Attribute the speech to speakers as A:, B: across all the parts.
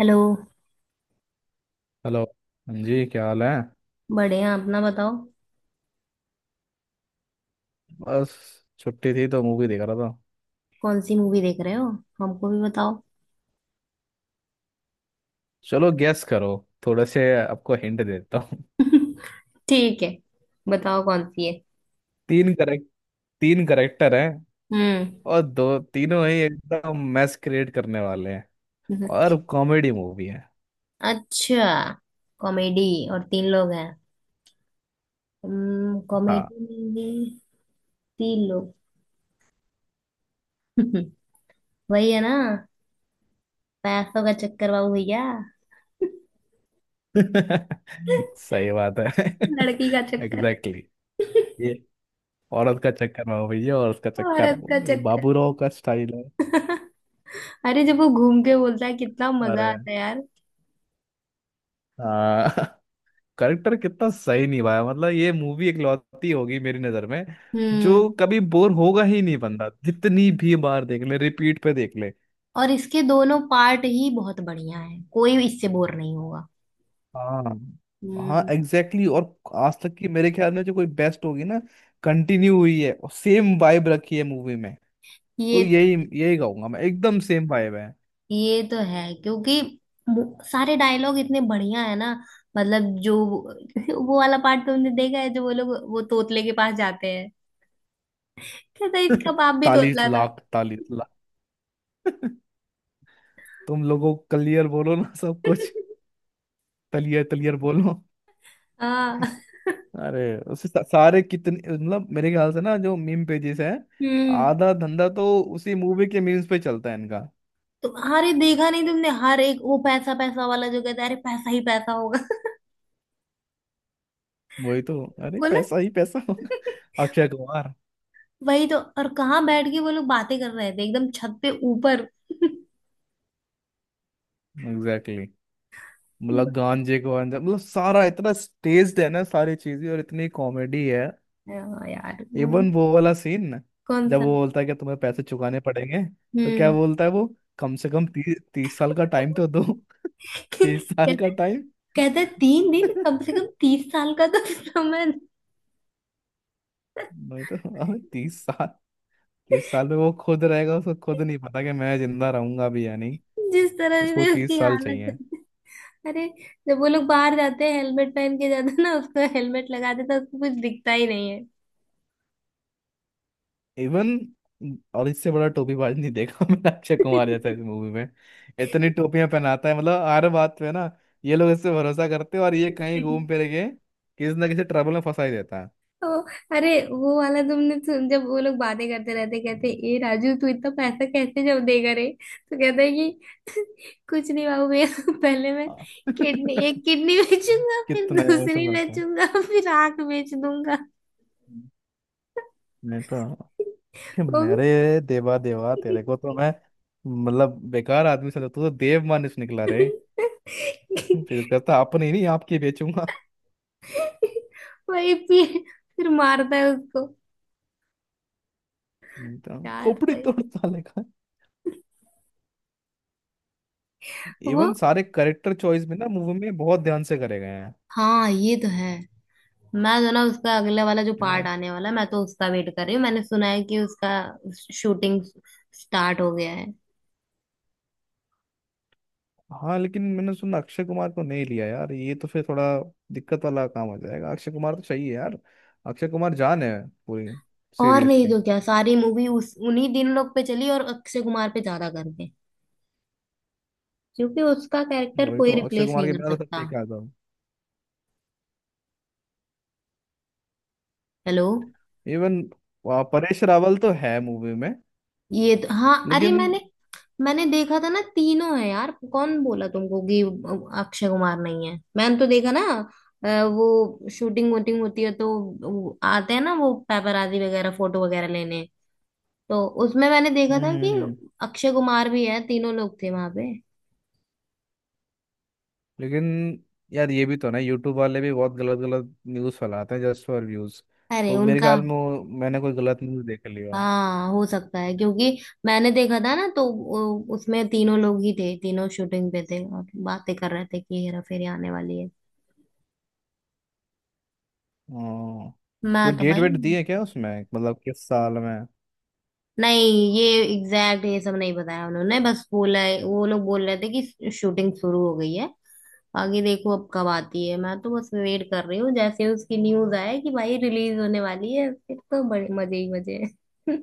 A: Hello.
B: Hello. हाँ जी, क्या हाल है?
A: बढ़िया, अपना बताओ।
B: बस, छुट्टी थी तो मूवी देख रहा था।
A: कौन सी मूवी देख रहे हो? हमको भी बताओ।
B: चलो गैस करो, थोड़े से आपको हिंट देता हूँ।
A: ठीक है, बताओ कौन सी है।
B: तीन करेक्ट तीन करेक्टर हैं।
A: हम्म।
B: और दो तीनों ही एकदम मैस क्रिएट करने वाले हैं।
A: हम्म।
B: और कॉमेडी मूवी है।
A: अच्छा, कॉमेडी, और तीन लोग हैं। हम्म, कॉमेडी
B: हाँ।
A: में भी तीन लोग। वही है ना, पैसों का चक्कर बाबू भैया,
B: सही बात है।
A: लड़की का चक्कर,
B: एग्जैक्टली exactly। ये औरत का चक्कर में भैया, औरत का चक्कर।
A: औरत का
B: ये
A: चक्कर।
B: बाबूराव का स्टाइल है।
A: अरे जब वो घूम के बोलता है कितना मजा
B: अरे
A: आता है यार।
B: हाँ। करेक्टर कितना सही निभाया, मतलब ये मूवी इकलौती होगी मेरी नजर में
A: हम्म।
B: जो कभी बोर होगा ही नहीं। बंदा जितनी भी बार देख ले, रिपीट पे देख ले।
A: और इसके दोनों पार्ट ही बहुत बढ़िया है, कोई इससे बोर नहीं होगा।
B: हाँ। हाँ,
A: हम्म।
B: Exactly exactly। और आज तक की मेरे ख्याल में जो कोई बेस्ट होगी ना, कंटिन्यू हुई है और सेम वाइब रखी है मूवी में। तो
A: ये
B: यही यही कहूंगा मैं, एकदम सेम वाइब है।
A: ये तो है क्योंकि सारे डायलॉग इतने बढ़िया है ना। मतलब जो वो वो वाला पार्ट तुमने देखा है, जो वो लोग वो तोतले के पास जाते हैं। कहता है, इसका बाप भी
B: तालीस
A: तोतला था।
B: लाख 40 लाख। तुम लोगों क्लियर बोलो ना सब कुछ। क्लियर क्लियर बोलो।
A: हाँ।
B: अरे उससे सारे कितने, मतलब मेरे ख्याल से ना, जो मीम पेजेस हैं,
A: हम्म।
B: आधा धंधा तो उसी मूवी के मीम्स पे चलता है इनका।
A: तो अरे देखा नहीं तुमने, हर एक वो पैसा पैसा वाला जो कहता है, अरे पैसा ही पैसा होगा।
B: वही तो, अरे
A: बोला।
B: पैसा ही पैसा होगा। अक्षय कुमार।
A: वही तो। और कहाँ बैठ के वो लोग बातें कर रहे थे, एकदम छत पे ऊपर।
B: Exactly exactly। मतलब गांजे को अंदर, मतलब सारा इतना स्टेज्ड है ना सारी चीजें, और इतनी कॉमेडी है।
A: हाँ यार वो।
B: इवन वो वाला सीन
A: कौन
B: जब
A: सा?
B: वो बोलता है कि तुम्हें पैसे चुकाने पड़ेंगे, तो क्या
A: हम्म।
B: बोलता है वो? कम से कम 30 साल का टाइम तो दो। 30 साल का टाइम।
A: कहता है 3 दिन, कम से कम 30 साल का तो समय।
B: नहीं तो, अबे 30 साल। 30 साल में वो खुद रहेगा, उसको खुद नहीं पता कि मैं जिंदा रहूंगा भी या नहीं।
A: जिस तरह
B: इसको
A: से
B: तीस
A: उसकी
B: साल
A: हालत
B: चाहिए।
A: है। अरे जब वो लोग बाहर जाते हैं, हेलमेट पहन के जाते हैं ना, उसको हेलमेट लगा देता है, उसको कुछ दिखता ही नहीं है।
B: इवन, और इससे बड़ा टोपीबाज नहीं देखा मैंने अक्षय कुमार जैसा इस मूवी में। इतनी टोपियां पहनाता है, मतलब हर बात पे ना। ये लोग इससे भरोसा करते हैं और ये कहीं घूम फिर के किसी ना किसी ट्रबल में फंसा ही देता है।
A: ओ, अरे वो वाला तुमने सुन, जब वो लोग बातें करते रहते कहते, ए राजू तू इतना पैसा कैसे जब देगा रे। तो कहता है कि कुछ नहीं बाबू भैया, पहले मैं
B: हाँ।
A: किडनी, एक किडनी बेचूंगा, फिर
B: कितना इमोशनल
A: दूसरी
B: लगता है।
A: बेचूंगा, फिर आंख बेच दूंगा।
B: नहीं तो कि
A: वो भी
B: मेरे देवा देवा, तेरे को तो मैं मतलब बेकार आदमी समझता हूँ, तू तो देव मानुष निकला रे। फिर कहता, अपने नहीं आपके बेचूंगा।
A: वही पी। फिर मारता है उसको।
B: तो
A: यार
B: खोपड़ी
A: भाई
B: तोड़ता लेखा।
A: वो।
B: इवन सारे करेक्टर चॉइस भी ना मूवी में बहुत ध्यान से करे गए हैं।
A: हाँ ये तो है। मैं तो ना उसका अगले वाला जो पार्ट
B: हाँ।
A: आने वाला है, मैं तो उसका वेट कर रही हूँ। मैंने सुना है कि उसका शूटिंग स्टार्ट हो गया है।
B: हाँ, लेकिन मैंने सुना अक्षय कुमार को नहीं लिया यार, ये तो फिर थोड़ा दिक्कत वाला काम हो जाएगा। अक्षय कुमार तो चाहिए यार। अक्षय कुमार जान है पूरी
A: और
B: सीरीज
A: नहीं
B: की।
A: तो क्या, सारी मूवी उस उन्हीं तीन लोग पे चली, और अक्षय कुमार पे ज्यादा कर गए, क्योंकि उसका कैरेक्टर
B: वही
A: कोई
B: तो, अक्षय
A: रिप्लेस
B: कुमार
A: नहीं
B: के
A: कर
B: बिना तो सब
A: सकता।
B: ठीक था।
A: हेलो।
B: इवन परेश रावल तो है मूवी में,
A: ये तो हाँ, अरे
B: लेकिन।
A: मैंने मैंने देखा था ना, तीनों है यार। कौन बोला तुमको कि अक्षय कुमार नहीं है, मैंने तो देखा ना। अ, वो शूटिंग वूटिंग होती है तो वो आते हैं ना, वो पेपराजी वगैरह फोटो वगैरह लेने। तो उसमें मैंने देखा
B: हम्म
A: था कि
B: हम्म, हम्म।
A: अक्षय कुमार भी है, तीनों लोग थे वहां पे।
B: लेकिन यार, ये भी तो ना, यूट्यूब वाले भी बहुत गलत गलत न्यूज़ फैलाते हैं जस्ट फॉर व्यूज।
A: अरे
B: तो मेरे
A: उनका।
B: ख्याल में मैंने कोई गलत न्यूज़ देख लिया।
A: हाँ हो सकता है, क्योंकि मैंने देखा था ना तो उसमें तीनों लोग ही थे, तीनों शूटिंग पे थे, और बातें कर रहे थे कि हेरा फेरी आने वाली है।
B: हाँ।
A: मैं
B: कोई
A: तो
B: डेट
A: भाई।
B: वेट दी है क्या उसमें, मतलब किस साल में?
A: नहीं ये एग्जैक्ट ये सब नहीं बताया उन्होंने, बस बोला है, वो लोग बोल रहे थे कि शूटिंग शुरू हो गई है। आगे देखो अब कब आती है, मैं तो बस वेट कर रही हूँ, जैसे उसकी न्यूज आए कि भाई रिलीज होने वाली है, फिर तो बड़े मजे ही मजे हैं।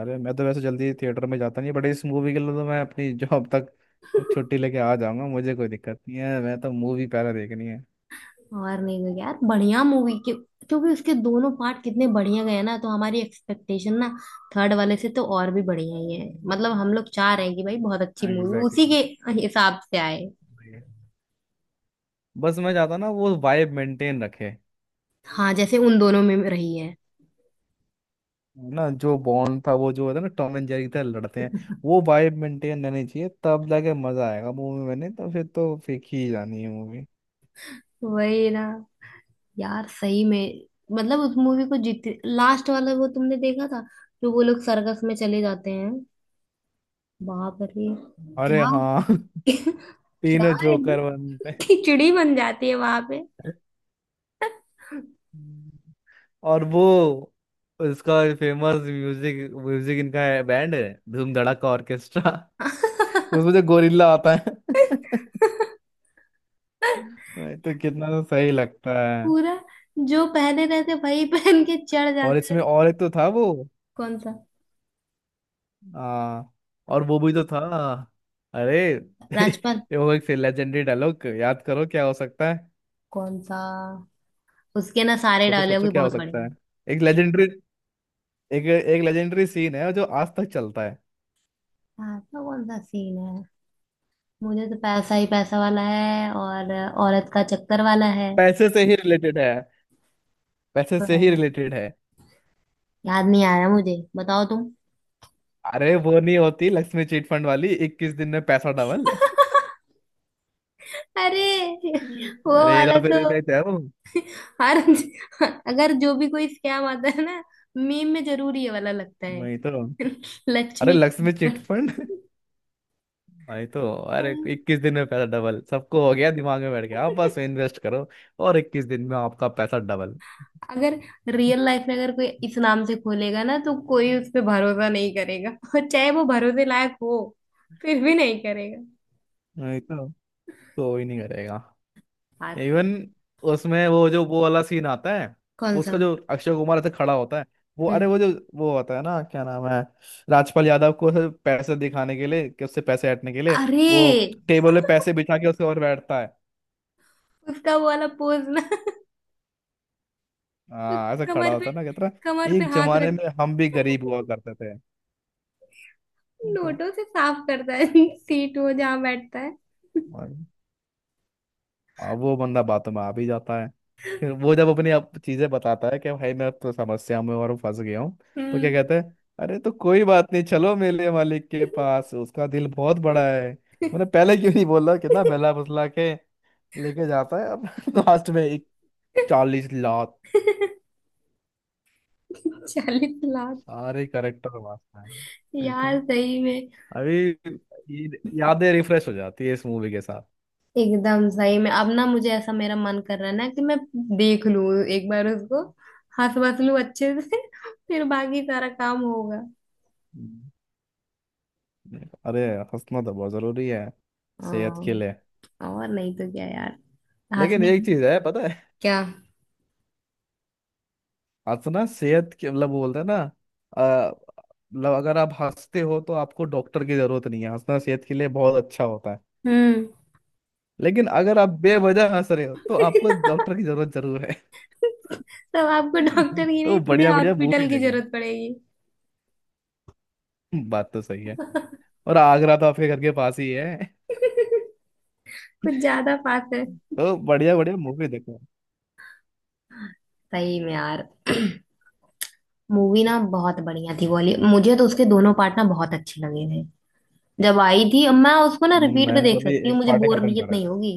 B: अरे मैं तो वैसे जल्दी थिएटर में जाता नहीं, बट इस मूवी के लिए तो मैं अपनी जॉब तक छुट्टी लेके आ जाऊंगा, मुझे कोई दिक्कत नहीं है, मैं तो मूवी पहले देखनी है।
A: और नहीं तो यार, बढ़िया मूवी, क्योंकि उसके दोनों पार्ट कितने बढ़िया गए ना, तो हमारी एक्सपेक्टेशन ना थर्ड वाले से तो और भी बढ़िया ही है। मतलब हम लोग चाह रहे हैं कि भाई, बहुत अच्छी मूवी उसी
B: एग्जैक्टली।
A: के हिसाब से आए।
B: बस मैं चाहता ना वो वाइब मेंटेन रखे,
A: हाँ, जैसे उन दोनों में रही है।
B: ना जो बॉन्ड था वो, जो होता है ना, टॉम एंड जेरी की तरह लड़ते हैं। वो वाइब मेंटेन रहनी चाहिए, तब जाके मजा आएगा मूवी में, नहीं तो फिर तो फेंक ही जानी है मूवी।
A: वही ना यार, सही में। मतलब उस मूवी को जित लास्ट वाला वो तुमने देखा था, जो वो लोग सर्कस में चले जाते हैं, बाप रे।
B: अरे
A: क्या।
B: हाँ।
A: क्या,
B: तीनों जोकर
A: एकदम
B: बनते
A: खिचड़ी बन जाती है वहां पे।
B: हैं। और वो उसका फेमस म्यूजिक म्यूजिक इनका है, बैंड है, धूम धड़ाका ऑर्केस्ट्रा। उसमें जो गोरिल्ला आता है, भाई तो कितना तो सही लगता है।
A: पूरा जो पहने रहते वही पहन के चढ़
B: और
A: जाते
B: इसमें और
A: हैं।
B: एक तो था वो।
A: कौन सा?
B: हाँ, और वो भी तो था। अरे।
A: राजपाल।
B: ये वो एक लेजेंडरी डायलॉग, याद करो क्या हो सकता है।
A: कौन सा? उसके ना सारे
B: सोचो
A: डायलॉग
B: सोचो
A: भी
B: क्या हो
A: बहुत
B: सकता
A: बढ़िया
B: है। एक लेजेंडरी एक एक लेजेंडरी सीन है जो आज तक चलता है।
A: हैं। ऐसा कौन सा सीन है? मुझे तो पैसा ही पैसा वाला है, और औरत का चक्कर वाला है।
B: पैसे से ही रिलेटेड है, पैसे से ही
A: पर
B: रिलेटेड है।
A: याद नहीं आ रहा, मुझे बताओ तुम।
B: अरे वो नहीं होती लक्ष्मी चिट फंड वाली, 21 दिन में पैसा डबल।
A: अरे वो
B: अरे हेरा
A: वाला तो
B: फेरी में क्या हूँ।
A: हर अगर जो भी कोई स्कैम आता है ना, मीम में जरूर ये वाला लगता है।
B: वही तो, अरे
A: लक्ष्मी।
B: Lakshmi chit fund. वही तो, अरे 21 दिन में पैसा डबल, सबको हो गया दिमाग में बैठ गया, आप बस इन्वेस्ट करो और 21 दिन में आपका पैसा डबल।
A: अगर रियल लाइफ में अगर कोई इस नाम से खोलेगा ना, तो कोई उस पे भरोसा नहीं करेगा, और चाहे वो भरोसे लायक हो, फिर भी नहीं करेगा।
B: नहीं तो, कोई नहीं करेगा।
A: बात
B: इवन
A: है।
B: उसमें वो जो वो वाला सीन आता है,
A: कौन सा?
B: उसका जो अक्षय कुमार ऐसे खड़ा होता है। वो अरे
A: हम्म।
B: वो जो वो होता है ना, क्या नाम है, राजपाल यादव को ऐसे पैसे दिखाने के लिए कि उससे पैसे हटने के लिए।
A: अरे
B: वो टेबल पे पैसे बिछा के उसके और बैठता है।
A: उसका वो वाला पोज ना,
B: हाँ, ऐसे खड़ा
A: कमर पे,
B: होता है ना, कहता है,
A: कमर पे
B: एक
A: हाथ
B: जमाने
A: रख।
B: में हम भी गरीब हुआ करते थे।
A: नोटों से साफ करता है सीट, वो जहां बैठता है।
B: तो अब वो बंदा बातों में आ भी जाता है। फिर वो जब अपनी आप चीजें बताता है कि भाई मैं तो समस्या में और फंस गया हूँ, तो क्या
A: हम्म।
B: कहते हैं? अरे तो कोई बात नहीं, चलो मेरे मालिक के पास, उसका दिल बहुत बड़ा है, मैंने पहले क्यों नहीं बोला। कितना बहला फुसला के लेके जाता है, अब लास्ट में एक 40 लाख,
A: 40 लाख।
B: सारे करेक्टर वास्ता है। नहीं तो
A: यार सही में।
B: अभी ये यादें रिफ्रेश हो जाती है इस मूवी के साथ।
A: एकदम सही में, अब ना मुझे ऐसा मेरा मन कर रहा है ना कि मैं देख लूं एक बार उसको, हंस बस लूं अच्छे से, फिर बाकी सारा काम होगा।
B: हम्म। अरे हंसना तो बहुत जरूरी है सेहत के लिए।
A: हाँ। और नहीं तो क्या यार,
B: लेकिन
A: हंसने।
B: एक चीज है पता है,
A: क्या?
B: हंसना सेहत के मतलब, वो बोलते हैं ना, अ, मतलब अगर आप हंसते हो तो आपको डॉक्टर की जरूरत नहीं है, हंसना सेहत के लिए बहुत अच्छा होता है।
A: हम्म।
B: लेकिन अगर आप बेवजह हंस रहे हो तो आपको डॉक्टर की जरूरत जरूर है।
A: तब आपको डॉक्टर की नहीं,
B: तो
A: सीधे
B: बढ़िया बढ़िया मूवी
A: हॉस्पिटल की
B: देखो।
A: जरूरत पड़ेगी।
B: बात तो सही है। और आगरा तो आपके घर के पास ही है,
A: कुछ ज्यादा फास्ट है।
B: तो बढ़िया बढ़िया मूवी देखो।
A: सही में यार। मूवी ना बहुत बढ़िया थी वाली, मुझे तो उसके दोनों पार्ट ना बहुत अच्छे लगे थे, जब आई थी। अब मैं उसको ना रिपीट पे
B: मैंने तो
A: देख
B: अभी
A: सकती हूँ,
B: एक
A: मुझे
B: पार्ट ही खत्म
A: बोरियत
B: करा
A: नहीं
B: है।
A: होगी।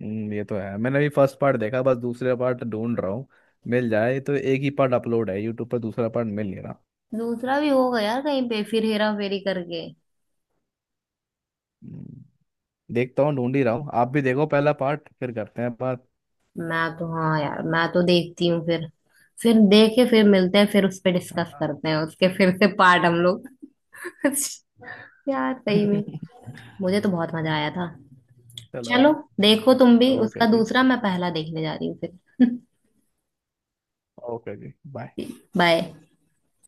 B: ये तो है, मैंने अभी फर्स्ट पार्ट देखा, बस दूसरे पार्ट ढूंढ रहा हूँ, मिल जाए तो। एक ही पार्ट अपलोड है यूट्यूब पर, दूसरा पार्ट मिल नहीं रहा।
A: दूसरा भी होगा यार कहीं पे, फिर हेरा फेरी करके।
B: हम्म, देखता हूँ, ढूंढ ही रहा हूँ। आप भी देखो पहला पार्ट, फिर करते हैं बात।
A: मैं तो हाँ यार, मैं तो देखती हूँ फिर देख के फिर मिलते हैं, फिर उस पे डिस्कस
B: हाँ।
A: करते हैं उसके फिर से पार्ट हम लोग। यार सही में, मुझे तो बहुत मजा आया था।
B: चलो।
A: चलो। देखो तुम भी
B: ओके
A: उसका
B: जी।
A: दूसरा, मैं पहला देखने जा रही हूँ फिर।
B: ओके जी, बाय।
A: बाय।